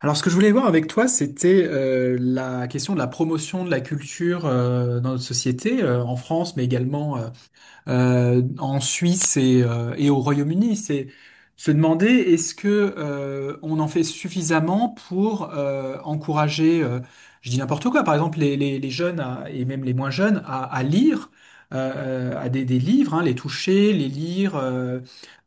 Alors, ce que je voulais voir avec toi, c'était la question de la promotion de la culture dans notre société, en France, mais également en Suisse et au Royaume-Uni. C'est se demander est-ce que on en fait suffisamment pour encourager, je dis n'importe quoi, par exemple les jeunes et même les moins jeunes à lire. À des livres, hein, les toucher, les lire,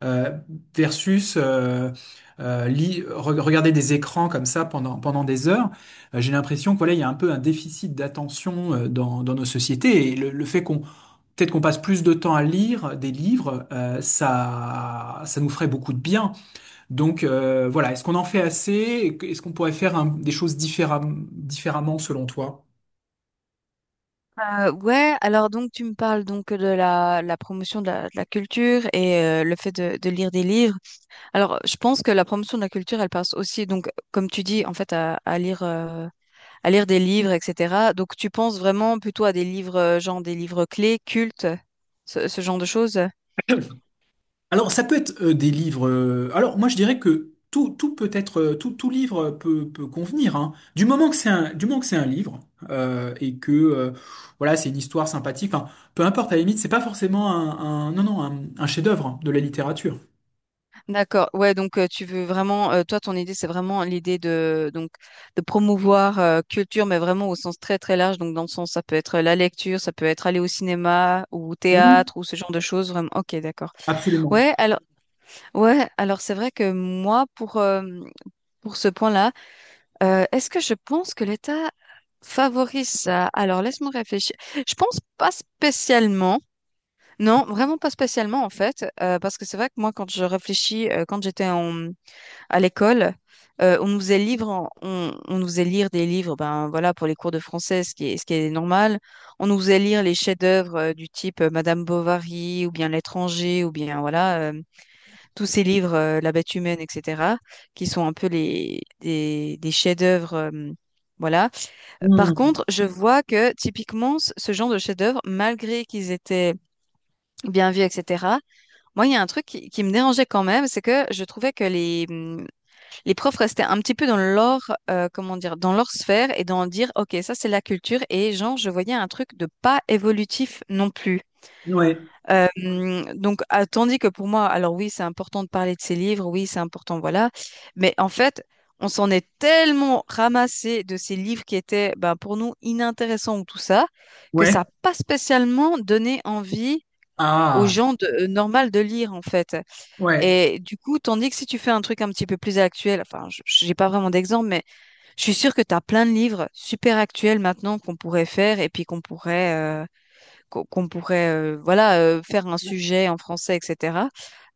euh, versus regarder des écrans comme ça pendant des heures. J'ai l'impression que voilà, il y a un peu un déficit d'attention dans nos sociétés et le fait qu'on… Peut-être qu'on passe plus de temps à lire des livres, ça nous ferait beaucoup de bien. Donc voilà, est-ce qu'on en fait assez? Est-ce qu'on pourrait faire des choses différemment selon toi? Alors tu me parles donc de la promotion de la culture et le fait de lire des livres. Alors je pense que la promotion de la culture, elle passe aussi donc comme tu dis en fait à lire des livres, etc. Donc tu penses vraiment plutôt à des livres genre des livres clés, cultes, ce genre de choses? Alors ça peut être des livres. Alors moi je dirais que tout peut être, tout livre peut convenir, hein. Du moment que c'est un livre et que voilà, c'est une histoire sympathique. Enfin, peu importe à la limite, c'est pas forcément un- non non un, un chef-d'œuvre de la littérature. D'accord. Ouais, donc tu veux vraiment, toi, ton idée, c'est vraiment l'idée de donc de promouvoir culture, mais vraiment au sens très très large. Donc dans le sens, ça peut être la lecture, ça peut être aller au cinéma ou au Oui, théâtre ou ce genre de choses. Vraiment. Ok, d'accord. absolument. Ouais. Alors, ouais. Alors c'est vrai que moi, pour ce point-là, est-ce que je pense que l'État favorise ça? Alors laisse-moi réfléchir. Je pense pas spécialement. Non, vraiment pas spécialement en fait, parce que c'est vrai que moi, quand je réfléchis, quand j'étais en à l'école. On nous faisait lire des livres, ben voilà, pour les cours de français, ce qui est normal. On nous faisait lire les chefs-d'œuvre du type Madame Bovary ou bien L'étranger ou bien voilà, tous ces livres, La bête humaine, etc., qui sont un peu des chefs-d'œuvre. Voilà. Par Mmh, contre, je vois que typiquement, ce genre de chefs-d'œuvre, malgré qu'ils étaient bien vus, etc., moi, il y a un truc qui me dérangeait quand même, c'est que je trouvais que les profs restaient un petit peu dans leur, dans leur sphère et dans dire: OK, ça c'est la culture. Et genre, je voyais un truc de pas évolutif non plus. ouais. Euh, Tandis que pour moi, alors oui, c'est important de parler de ces livres, oui, c'est important, voilà. Mais en fait, on s'en est tellement ramassé de ces livres qui étaient, ben, pour nous, inintéressants ou tout ça, que Ouais. ça n'a pas spécialement donné envie aux Ah, gens de, normal de lire, en fait. ouais. Et du coup, tandis que si tu fais un truc un petit peu plus actuel, enfin, j'ai pas vraiment d'exemple, mais je suis sûre que tu as plein de livres super actuels maintenant qu'on pourrait faire et puis qu'on pourrait, qu'on pourrait, faire un sujet en français, etc.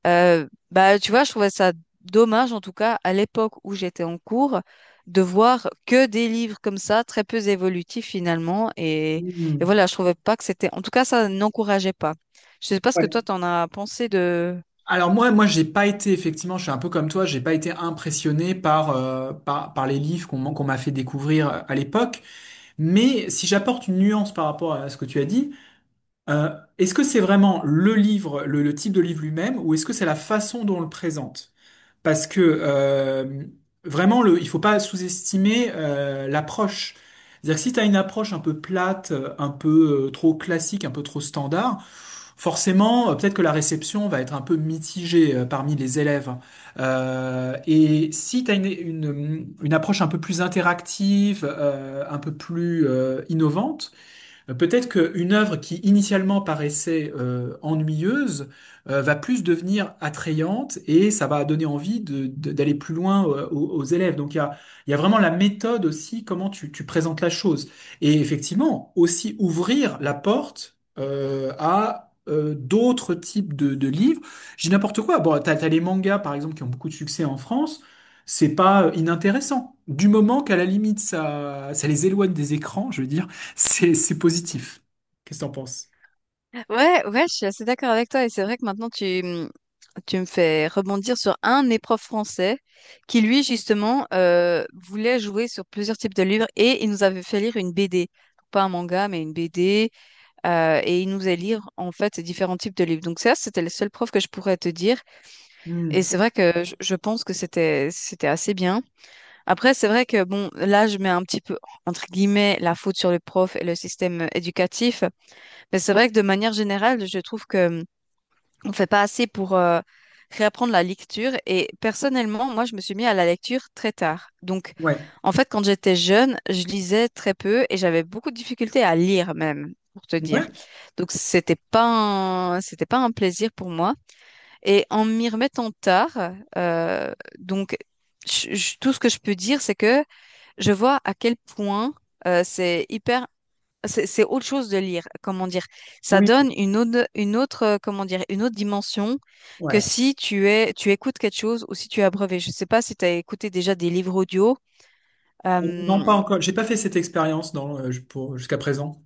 Bah, tu vois, je trouvais ça dommage, en tout cas, à l'époque où j'étais en cours, de voir que des livres comme ça, très peu évolutifs finalement. Et Hmm. voilà, je trouvais pas que c'était, en tout cas, ça n'encourageait pas. Je sais pas ce que toi, Ouais. t'en as pensé de. Alors moi, j'ai pas été effectivement, je suis un peu comme toi, j'ai pas été impressionné par par les livres qu'on m'a fait découvrir à l'époque. Mais si j'apporte une nuance par rapport à ce que tu as dit, euh, est-ce que c'est vraiment le type de livre lui-même, ou est-ce que c'est la façon dont on le présente? Parce que vraiment, le, il faut pas sous-estimer l'approche. C'est-à-dire que si tu as une approche un peu plate, un peu trop classique, un peu trop standard, forcément, peut-être que la réception va être un peu mitigée parmi les élèves. Et si tu as une approche un peu plus interactive, un peu plus innovante, peut-être qu'une œuvre qui initialement paraissait ennuyeuse va plus devenir attrayante et ça va donner envie d'aller plus loin aux élèves. Donc il y a vraiment la méthode aussi, comment tu présentes la chose. Et effectivement, aussi ouvrir la porte à… d'autres types de livres. J'ai n'importe quoi. Bon, t'as les mangas, par exemple, qui ont beaucoup de succès en France. C'est pas inintéressant. Du moment qu'à la limite, ça les éloigne des écrans, je veux dire. C'est positif. Qu'est-ce que t'en penses? Ouais, je suis assez d'accord avec toi. Et c'est vrai que maintenant, tu me fais rebondir sur un éprof français qui, lui, justement, voulait jouer sur plusieurs types de livres et il nous avait fait lire une BD. Pas un manga, mais une BD. Et il nous a lire, en fait, différents types de livres. Donc ça, c'était le seul prof que je pourrais te dire. Et Hmm. c'est vrai que je pense que c'était assez bien. Après, c'est vrai que, bon, là, je mets un petit peu, entre guillemets, la faute sur le prof et le système éducatif. Mais c'est vrai que de manière générale, je trouve que on fait pas assez pour réapprendre la lecture. Et personnellement, moi, je me suis mis à la lecture très tard. Donc, Ouais. en fait, quand j'étais jeune, je lisais très peu et j'avais beaucoup de difficultés à lire même, pour te dire. Ouais. Donc, c'était pas un plaisir pour moi. Et en m'y remettant tard, euh, donc, tout ce que je peux dire, c'est que je vois à quel point c'est hyper c'est autre chose de lire, comment dire. Ça Oui. donne une autre, une autre dimension que Ouais. si tu es, tu écoutes quelque chose ou si tu es abreuvé. Je sais pas si tu as écouté déjà des livres audio. Non, pas Euh, encore. J'ai pas fait cette expérience dans pour jusqu'à présent.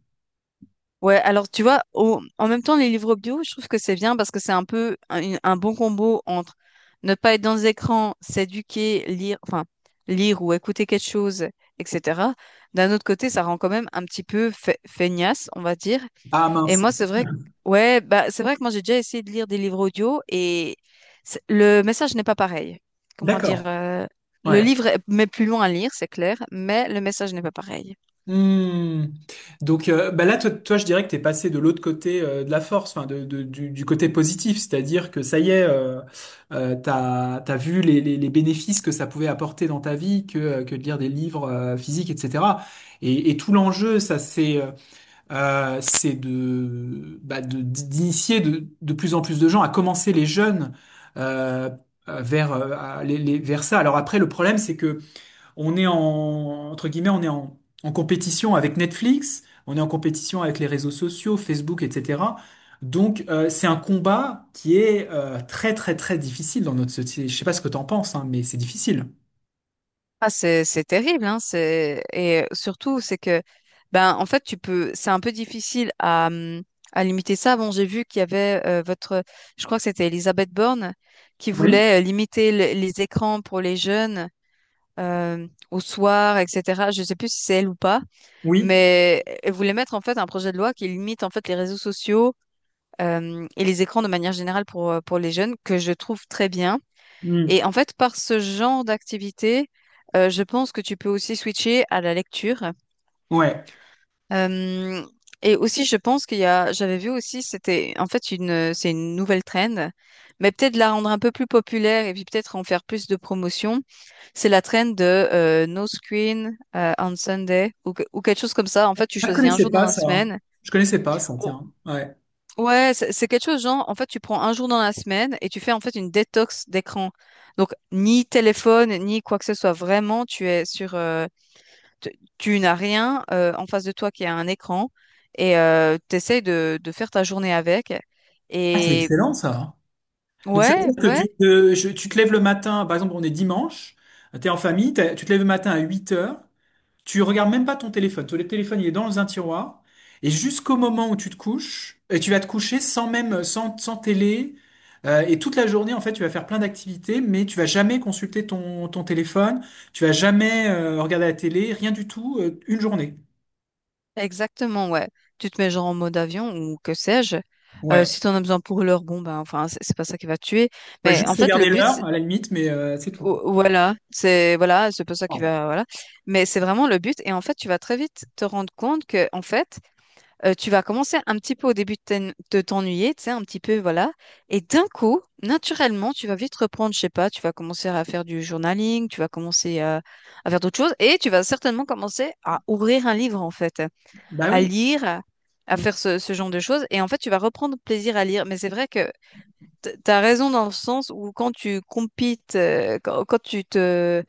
ouais, alors tu vois, en même temps, les livres audio, je trouve que c'est bien parce que c'est un peu un bon combo entre ne pas être dans les écrans, s'éduquer, lire, enfin, lire ou écouter quelque chose, etc. D'un autre côté, ça rend quand même un petit peu feignasse, on va dire. Ah Et mince. moi, c'est vrai que, c'est vrai que moi, j'ai déjà essayé de lire des livres audio et le message n'est pas pareil. Comment dire, D'accord. Le Ouais. livre met plus loin à lire, c'est clair, mais le message n'est pas pareil. Hmm. Donc bah là, toi, je dirais que t'es passé de l'autre côté de la force, enfin du côté positif, c'est-à-dire que ça y est, t'as vu les bénéfices que ça pouvait apporter dans ta vie, que de lire des livres physiques, etc. Et tout l'enjeu, ça c'est de, bah, de d'initier de plus en plus de gens, à commencer les jeunes euh, vers vers ça. Alors après, le problème, c'est que on est, en, entre guillemets, on est en, en compétition avec Netflix, on est en compétition avec les réseaux sociaux, Facebook, etc. Donc, c'est un combat qui est très difficile dans notre société. Je sais pas ce que t'en penses, hein, mais c'est difficile. Ah, c'est terrible, hein, et surtout, c'est que, ben, en fait, tu peux, c'est un peu difficile à limiter ça. Bon, j'ai vu qu'il y avait je crois que c'était Elisabeth Borne qui Oui, voulait limiter les écrans pour les jeunes au soir, etc. Je sais plus si c'est elle ou pas. oui, Mais elle voulait mettre en fait un projet de loi qui limite en fait les réseaux sociaux et les écrans de manière générale pour les jeunes, que je trouve très bien. Et hmm, en fait, par ce genre d'activité, je pense que tu peux aussi switcher à la lecture. ouais. Euh, et aussi, je pense qu'il y a, j'avais vu aussi, c'est une nouvelle trend, mais peut-être la rendre un peu plus populaire et puis peut-être en faire plus de promotion. C'est la trend de no screen on Sunday ou quelque chose comme ça. En fait, tu Ah, je choisis un connaissais jour pas dans la ça, hein. semaine. Je connaissais pas ça, Oh, tiens. Ouais. ouais, c'est quelque chose genre, en fait, tu prends un jour dans la semaine et tu fais en fait une détox d'écran. Donc, ni téléphone, ni quoi que ce soit. Vraiment, tu es sur, tu, tu n'as rien en face de toi qui a un écran et tu essayes de faire ta journée avec. Ah, c'est Et excellent ça. Donc, ça veut ouais, dire que ouais, tu te lèves le matin, par exemple, on est dimanche, tu es en famille, tu te lèves le matin à 8 heures. Tu regardes même pas ton téléphone. Ton téléphone, il est dans un tiroir. Et jusqu'au moment où tu te couches, et tu vas te coucher sans même, sans télé. Et toute la journée, en fait, tu vas faire plein d'activités, mais tu vas jamais consulter ton téléphone. Tu vas jamais regarder la télé, rien du tout, une journée. exactement, ouais. Tu te mets genre en mode avion ou que sais-je. Ouais. Si tu en as besoin pour l'heure, bon, ben, enfin, c'est pas ça qui va te tuer. Ouais, Mais en juste fait, le regarder but, l'heure, à la limite, mais c'est tout, quoi. Ou- voilà, c'est pour ça qu'il Ah. va voilà. Mais c'est vraiment le but et en fait, tu vas très vite te rendre compte que en fait, tu vas commencer un petit peu au début de t'ennuyer, tu sais, un petit peu voilà. Et d'un coup, naturellement, tu vas vite reprendre, je sais pas, tu vas commencer à faire du journaling, tu vas commencer à faire d'autres choses et tu vas certainement commencer à ouvrir un livre en fait, Bah à oui. lire, à, à Mm. faire ce genre de choses et en fait, tu vas reprendre plaisir à lire. Mais c'est vrai que t'as raison dans le sens où quand tu compites, quand, quand tu te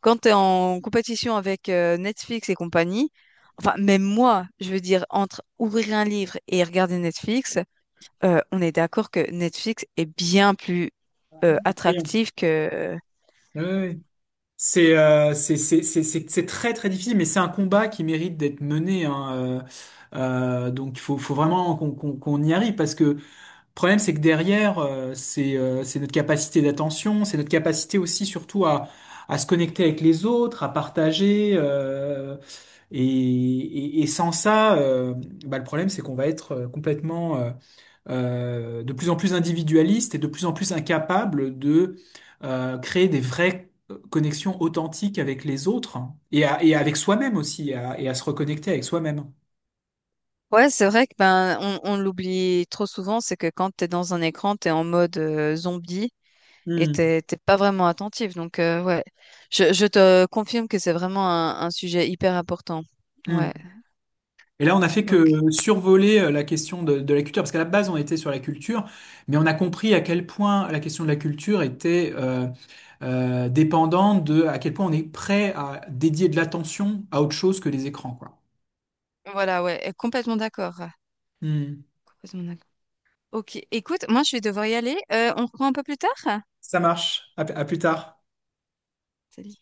quand tu es en compétition avec Netflix et compagnie, enfin, même moi, je veux dire, entre ouvrir un livre et regarder Netflix, on est d'accord que Netflix est bien plus Voyons. attractif que… Ouais, ouais. C'est très très difficile, mais c'est un combat qui mérite d'être mené. Hein, donc il faut vraiment qu'on y arrive, parce que le problème c'est que derrière c'est notre capacité d'attention, c'est notre capacité aussi surtout à se connecter avec les autres, à partager. Et sans ça, bah, le problème c'est qu'on va être complètement de plus en plus individualiste et de plus en plus incapable de créer des vraies connexions authentiques avec les autres et avec soi-même aussi, et à se reconnecter avec soi-même. Ouais, c'est vrai que ben, on l'oublie trop souvent, c'est que quand t'es dans un écran, t'es en mode zombie et Hmm, t'es pas vraiment attentif. Donc, ouais, je te confirme que c'est vraiment un sujet hyper important. Ouais, hmm. Et là, on a fait que ok. survoler la question de la culture, parce qu'à la base, on était sur la culture, mais on a compris à quel point la question de la culture était dépendante de à quel point on est prêt à dédier de l'attention à autre chose que les écrans, quoi. Voilà, ouais, complètement d'accord. Hmm. Complètement d'accord. Ok, écoute, moi je vais devoir y aller. On reprend un peu plus tard? Ça marche. À à plus tard. Salut.